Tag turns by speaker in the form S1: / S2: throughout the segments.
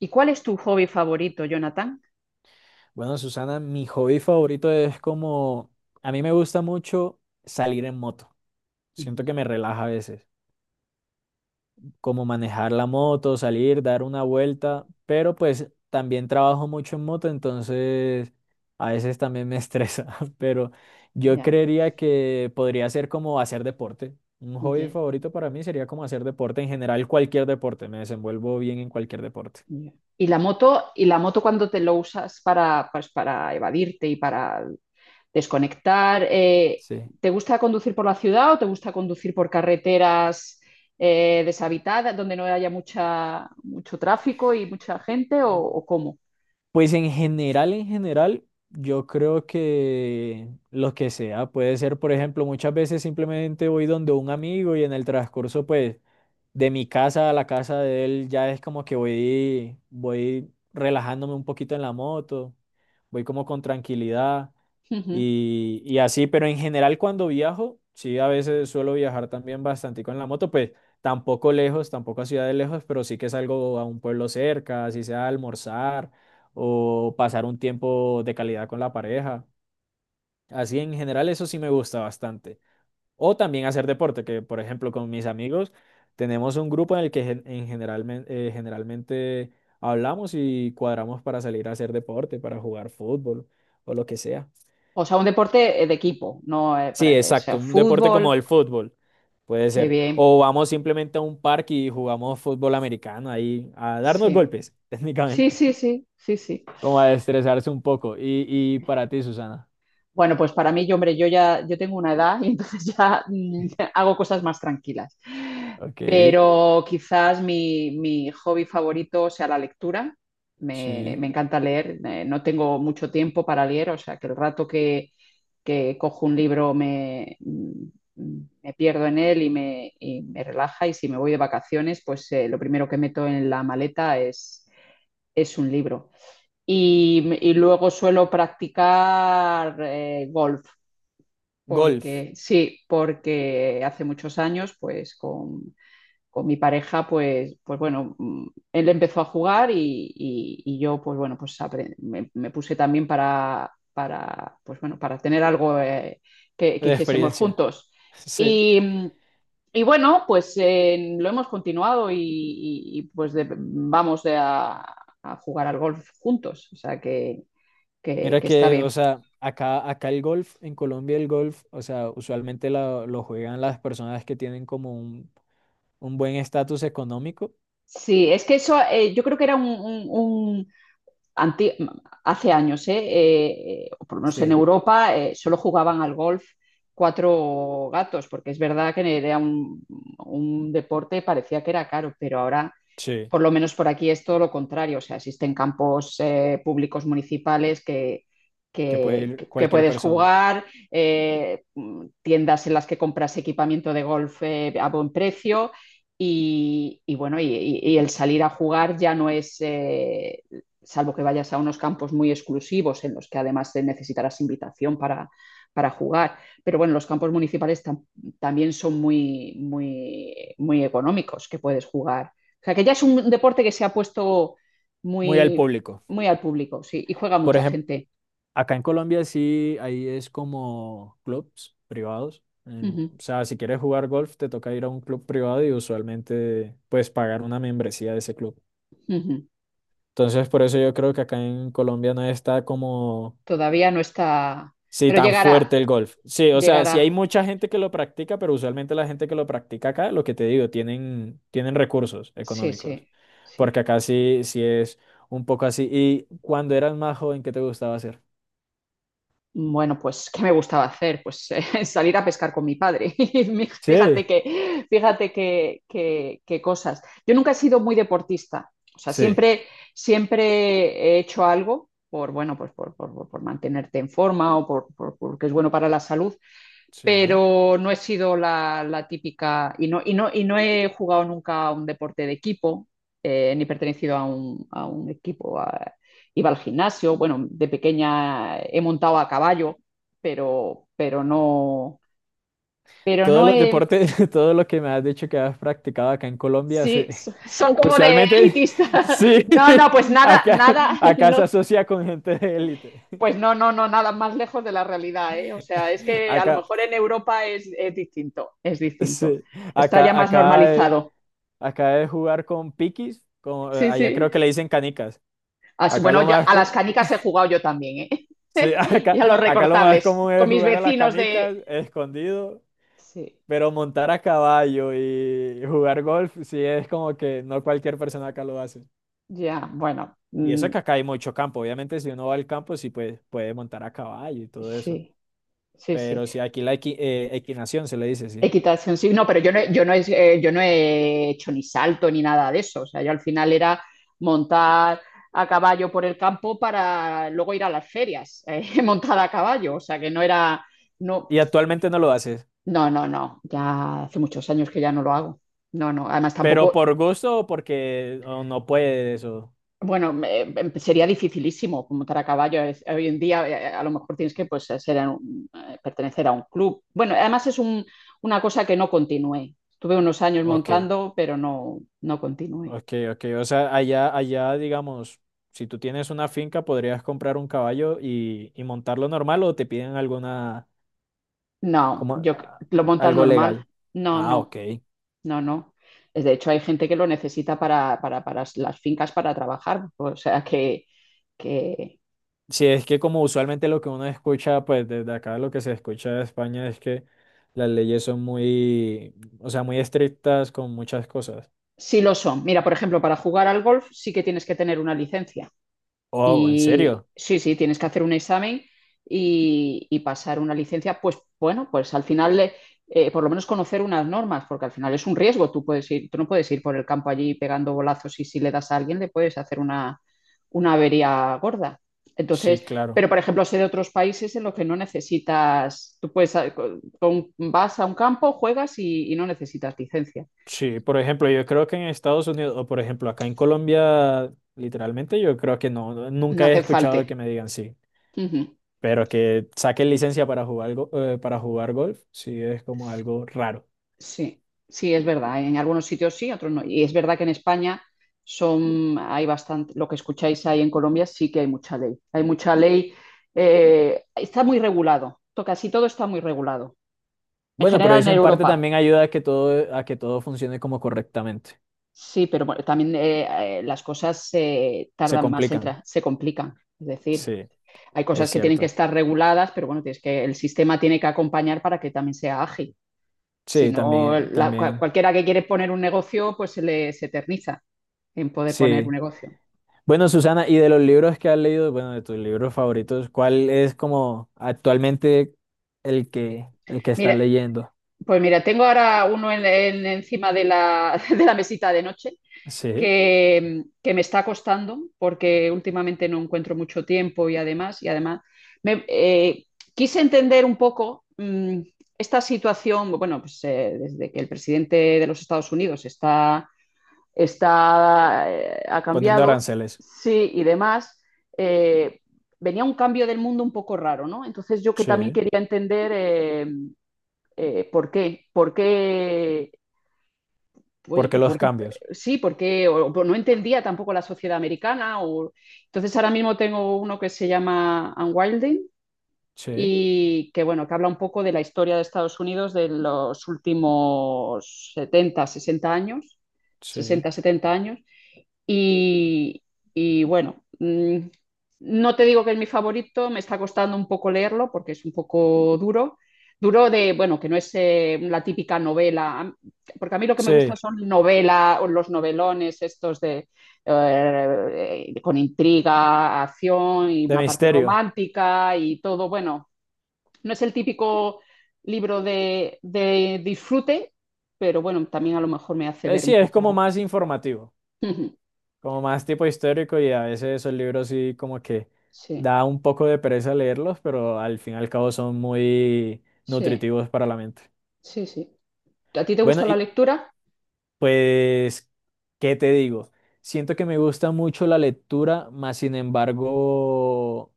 S1: ¿Y cuál es tu hobby favorito, Jonathan?
S2: Bueno, Susana, mi hobby favorito es como, a mí me gusta mucho salir en moto.
S1: Ujú.
S2: Siento que me relaja a veces, como manejar la moto, salir, dar una vuelta, pero pues también trabajo mucho en moto, entonces a veces también me estresa, pero yo
S1: Ya,
S2: creería que podría ser como hacer deporte. Un hobby
S1: ya,
S2: favorito para mí sería como hacer deporte, en general cualquier deporte, me desenvuelvo bien en cualquier deporte.
S1: ya. ¿Y la moto, cuando te lo usas para, pues, para evadirte y para desconectar?
S2: Sí.
S1: ¿Te gusta conducir por la ciudad o te gusta conducir por carreteras deshabitadas, donde no haya mucho tráfico y mucha gente o cómo?
S2: Pues en general, yo creo que lo que sea, puede ser, por ejemplo, muchas veces simplemente voy donde un amigo y en el transcurso, pues, de mi casa a la casa de él, ya es como que voy relajándome un poquito en la moto, voy como con tranquilidad.
S1: Ujú.
S2: Y así, pero en general cuando viajo, sí, a veces suelo viajar también bastante con la moto, pues tampoco lejos, tampoco a ciudades lejos, pero sí que salgo a un pueblo cerca, así sea a almorzar o pasar un tiempo de calidad con la pareja. Así en general eso sí me gusta bastante. O también hacer deporte, que por ejemplo con mis amigos tenemos un grupo en el que generalmente hablamos y cuadramos para salir a hacer deporte, para jugar fútbol o lo que sea.
S1: O sea, un deporte de equipo, no
S2: Sí,
S1: o sea,
S2: exacto, un deporte como
S1: fútbol.
S2: el fútbol, puede
S1: Qué
S2: ser.
S1: bien.
S2: O vamos simplemente a un parque y jugamos fútbol americano ahí a darnos
S1: Sí,
S2: golpes,
S1: sí,
S2: técnicamente.
S1: sí, sí, sí, sí.
S2: Como a estresarse un poco. Y para ti, Susana.
S1: Bueno, pues para mí, yo, hombre, yo tengo una edad y entonces ya hago cosas más tranquilas.
S2: Ok,
S1: Pero quizás mi hobby favorito sea la lectura.
S2: sí.
S1: Me encanta leer. No tengo mucho tiempo para leer, o sea que el rato que cojo un libro me pierdo en él y me relaja. Y si me voy de vacaciones, pues lo primero que meto en la maleta es un libro. Y luego suelo practicar golf.
S2: Golf,
S1: Porque, sí, porque hace muchos años, con mi pareja, pues, pues bueno, él empezó a jugar y yo, pues bueno, me puse también pues bueno, para tener algo que
S2: de
S1: hiciésemos
S2: experiencia.
S1: juntos.
S2: Sí.
S1: Y, mm, y bueno, pues lo hemos continuado pues vamos a jugar al golf juntos, o sea
S2: Mira
S1: que está
S2: que, o
S1: bien.
S2: sea, acá el golf, en Colombia el golf, o sea, usualmente lo juegan las personas que tienen como un buen estatus económico.
S1: Sí, es que eso yo creo que era un- anti- hace años, ¿eh? O por lo menos en
S2: Sí,
S1: Europa, solo jugaban al golf cuatro gatos, porque es verdad que era un deporte, parecía que era caro, pero ahora
S2: sí,
S1: por lo menos por aquí es todo lo contrario. O sea, existen campos públicos municipales
S2: que puede ir
S1: que
S2: cualquier
S1: puedes
S2: persona.
S1: jugar, eh, tiendas en las que compras equipamiento de golf a buen precio y el salir a jugar ya no es, salvo que vayas a unos campos muy exclusivos en los que además necesitarás invitación para jugar. Pero bueno, los campos municipales también son muy, muy, muy económicos, que puedes jugar, o sea, que ya es un deporte que se ha puesto
S2: Muy al
S1: muy,
S2: público.
S1: muy al público, sí, y juega
S2: Por
S1: mucha
S2: ejemplo,
S1: gente.
S2: acá en Colombia sí, ahí es como clubs privados.
S1: Uh
S2: En-
S1: -huh,
S2: o sea, si quieres jugar golf, te toca ir a un club privado y usualmente pues pagar una membresía de ese club.
S1: uh -huh.
S2: Entonces, por eso yo creo que acá en Colombia no está como,
S1: Todavía no está,
S2: sí,
S1: pero
S2: tan
S1: llegará,
S2: fuerte el golf. Sí, o sea, sí hay
S1: llegará.
S2: mucha gente que lo practica, pero usualmente la gente que lo practica acá, lo que te digo, tienen, tienen recursos
S1: Sí,
S2: económicos.
S1: sí, sí.
S2: Porque acá sí, sí es un poco así. ¿Y cuando eras más joven, qué te gustaba hacer?
S1: Bueno, pues, ¿qué me gustaba hacer? Pues salir a pescar con mi padre.
S2: Sí,
S1: Fíjate que, que cosas. Yo nunca he sido muy deportista. O sea,
S2: sí.
S1: siempre he hecho algo por, bueno, por mantenerte en forma porque es bueno para la salud,
S2: Sí.
S1: pero no he sido la típica no he jugado nunca a un deporte de equipo, ni pertenecido a a un equipo. Iba al gimnasio, bueno, de pequeña he montado a caballo, pero, pero no, pero
S2: Todos
S1: no
S2: los
S1: he...
S2: deportes, todo lo que me has dicho que has practicado acá en Colombia,
S1: Sí,
S2: se-
S1: son como de
S2: usualmente
S1: elitista.
S2: sí,
S1: No, no, pues nada,
S2: acá,
S1: nada,
S2: acá se
S1: no,
S2: asocia con gente de élite.
S1: pues no, no, no, nada más lejos de la realidad, ¿eh? O sea, es que a lo
S2: Acá,
S1: mejor en Europa es distinto, es distinto.
S2: sí,
S1: Está ya
S2: acá,
S1: más
S2: acá, eh,
S1: normalizado.
S2: acá es jugar con piquis, como,
S1: Sí,
S2: allá
S1: sí.
S2: creo que le dicen canicas.
S1: Así,
S2: Acá
S1: bueno,
S2: lo
S1: ya
S2: más,
S1: a las
S2: co-
S1: canicas he jugado yo también, ¿eh?
S2: sí,
S1: Y
S2: acá,
S1: a los
S2: acá lo más
S1: recortables,
S2: común
S1: con
S2: es
S1: mis
S2: jugar a las
S1: vecinos de...
S2: canicas, escondido,
S1: Sí,
S2: pero montar a caballo y jugar golf, sí, es como que no cualquier persona acá lo hace.
S1: ya, bueno,
S2: Y eso que acá hay mucho campo. Obviamente, si uno va al campo, sí puede, puede montar a caballo y todo eso.
S1: sí, sí, sí.
S2: Pero sí, aquí la equinación se le dice, sí.
S1: Equitación, sí, no, pero yo no he, yo no he hecho ni salto ni nada de eso. O sea, yo al final era montar a caballo por el campo para luego ir a las ferias, montada a caballo. O sea, que no era... No,
S2: Y actualmente no lo haces.
S1: no, no, no. Ya hace muchos años que ya no lo hago. No, no. Además,
S2: Pero
S1: tampoco...
S2: por gusto o porque o no puedes o...
S1: Bueno, sería dificilísimo montar a caballo. Hoy en día a lo mejor tienes que, pues, pertenecer a un club. Bueno, además es una cosa que no continué. Estuve unos años
S2: Ok,
S1: montando, pero no, no continué.
S2: ok, ok. O sea, allá, digamos, si tú tienes una finca, podrías comprar un caballo y montarlo normal o te piden alguna,
S1: No,
S2: como, ah,
S1: lo montas
S2: algo
S1: normal.
S2: legal.
S1: No,
S2: Ah, ok.
S1: no, no, no. Es... De hecho, hay gente que lo necesita las fincas, para trabajar. O sea que
S2: Sí, es que como usualmente lo que uno escucha, pues desde acá lo que se escucha de España es que las leyes son muy, o sea, muy estrictas con muchas cosas.
S1: sí lo son. Mira, por ejemplo, para jugar al golf sí que tienes que tener una licencia.
S2: Oh, ¿en
S1: Y
S2: serio?
S1: sí, sí, tienes que hacer un examen y pasar una licencia, pues bueno, pues al final, por lo menos conocer unas normas, porque al final es un riesgo. Tú no puedes ir por el campo allí pegando bolazos, y si le das a alguien le puedes hacer una avería gorda.
S2: Sí,
S1: Entonces, pero
S2: claro.
S1: por ejemplo, sé de otros países en los que no necesitas, tú puedes, vas a un campo, juegas y no necesitas licencia,
S2: Sí, por ejemplo, yo creo que en Estados Unidos, o por ejemplo, acá en Colombia, literalmente yo creo que no,
S1: no
S2: nunca he
S1: hace falta.
S2: escuchado que me digan sí,
S1: Ujú.
S2: pero que saquen licencia para jugar, para jugar golf, sí es como algo raro.
S1: Sí, sí, es verdad. En algunos sitios sí, otros no. Y es verdad que en España son, hay bastante, lo que escucháis ahí en Colombia, sí que hay mucha ley. Hay mucha ley, está muy regulado. Casi todo está muy regulado. En
S2: Bueno, pero
S1: general en
S2: eso en parte
S1: Europa.
S2: también ayuda a que todo funcione como correctamente.
S1: Sí, pero bueno, también las cosas
S2: Se
S1: tardan más en
S2: complican.
S1: tra- se complican. Es decir,
S2: Sí.
S1: hay
S2: Es
S1: cosas que tienen que
S2: cierto.
S1: estar reguladas, pero bueno, tienes que, el sistema tiene que acompañar para que también sea ágil. Si
S2: Sí,
S1: no,
S2: también, también.
S1: cualquiera que quiere poner un negocio, pues se le se eterniza en poder poner un
S2: Sí.
S1: negocio.
S2: Bueno, Susana, y de los libros que has leído, bueno, de tus libros favoritos, ¿cuál es como actualmente el que estás
S1: Mira,
S2: leyendo?
S1: pues mira, tengo ahora uno encima de de la mesita de noche
S2: Sí.
S1: me está costando porque últimamente no encuentro mucho tiempo y además me, eh, quise entender un poco esta situación, bueno, pues desde que el presidente de los Estados Unidos está ha
S2: Poniendo
S1: cambiado,
S2: aranceles.
S1: sí, y demás, eh, venía un cambio del mundo un poco raro, ¿no? Entonces yo que también
S2: Sí.
S1: quería entender, ¿por qué? ¿Por qué? Pues,
S2: ¿Por qué
S1: pues,
S2: los
S1: porque,
S2: cambios?
S1: sí, porque o no entendía tampoco la sociedad americana. Entonces ahora mismo tengo uno que se llama Unwilding,
S2: Sí,
S1: y que bueno, que habla un poco de la historia de Estados Unidos de los últimos 70, 60 años,
S2: sí,
S1: 60 70 años. Y, y bueno, no te digo que es mi favorito, me está costando un poco leerlo porque es un poco duro. Duro de, bueno, que no es la típica novela, porque a mí lo que me gusta
S2: sí.
S1: son novelas, los novelones estos de, con intriga, acción y
S2: De
S1: una parte
S2: misterio.
S1: romántica y todo. Bueno, no es el típico libro de disfrute, pero bueno, también a lo mejor me hace ver
S2: Sí,
S1: un
S2: es como
S1: poco.
S2: más informativo, como más tipo histórico y a veces esos libros sí como que
S1: Sí,
S2: da un poco de pereza leerlos, pero al fin y al cabo son muy
S1: sí.
S2: nutritivos para la mente.
S1: Sí, sí. ¿A ti te
S2: Bueno,
S1: gusta la
S2: y
S1: lectura?
S2: pues, ¿qué te digo? Siento que me gusta mucho la lectura, más sin embargo,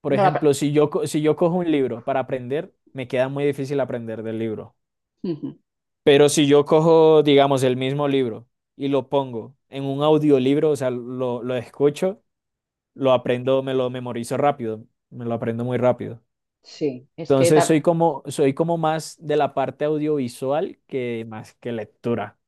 S2: por
S1: No la...
S2: ejemplo, si yo, si yo cojo un libro para aprender, me queda muy difícil aprender del libro.
S1: Ujú.
S2: Pero si yo cojo, digamos, el mismo libro y lo pongo en un audiolibro, o sea, lo escucho, lo aprendo, me lo memorizo rápido, me lo aprendo muy rápido.
S1: Sí, es que,
S2: Entonces, soy como más de la parte audiovisual que más que lectura.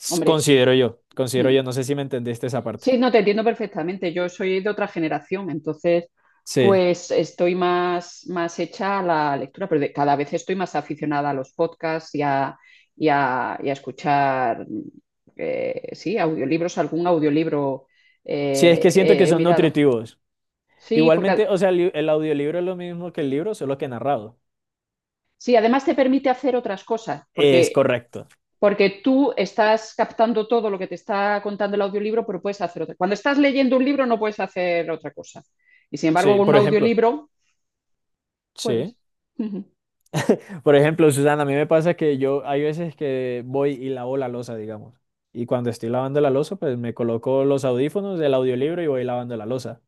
S1: hombre,
S2: Considero yo,
S1: ujú.
S2: no sé si me entendiste esa parte.
S1: Sí, no te entiendo perfectamente. Yo soy de otra generación, entonces,
S2: Sí,
S1: pues estoy más, más hecha a la lectura, pero cada vez estoy más aficionada a los podcasts y a escuchar, sí, audiolibros, algún audiolibro
S2: sí, es que siento que
S1: he
S2: son
S1: mirado.
S2: nutritivos.
S1: Sí, porque
S2: Igualmente, o sea, el audiolibro es lo mismo que el libro, solo que narrado.
S1: sí, además te permite hacer otras cosas,
S2: Es correcto.
S1: porque tú estás captando todo lo que te está contando el audiolibro, pero puedes hacer otra cosa. Cuando estás leyendo un libro no puedes hacer otra cosa. Y sin embargo,
S2: Sí,
S1: con un
S2: por ejemplo,
S1: audiolibro
S2: sí.
S1: puedes. Ujú,
S2: Por ejemplo, Susana, a mí me pasa que yo hay veces que voy y lavo la losa, digamos. Y cuando estoy lavando la losa, pues me coloco los audífonos del audiolibro y voy lavando la losa.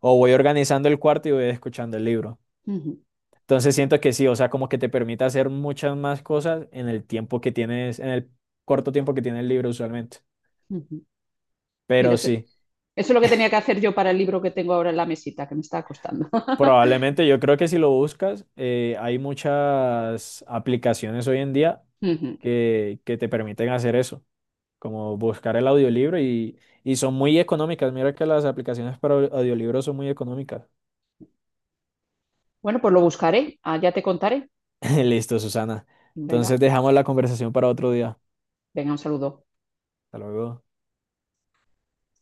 S2: O voy organizando el cuarto y voy escuchando el libro.
S1: ujú,
S2: Entonces siento que sí, o sea, como que te permite hacer muchas más cosas en el tiempo que tienes, en el corto tiempo que tienes libre usualmente.
S1: ujú. Mira,
S2: Pero
S1: eso
S2: sí,
S1: es lo que tenía que hacer yo para el libro que tengo ahora en la mesita, que me está costando.
S2: probablemente yo creo que si lo buscas, hay muchas aplicaciones hoy en día
S1: Ujú.
S2: que te permiten hacer eso, como buscar el audiolibro y son muy económicas. Mira que las aplicaciones para audiolibros son muy económicas.
S1: Bueno, pues lo buscaré. Ah, ya te contaré.
S2: Listo, Susana. Entonces
S1: Venga,
S2: dejamos la conversación para otro día.
S1: venga, un saludo.
S2: Hasta luego.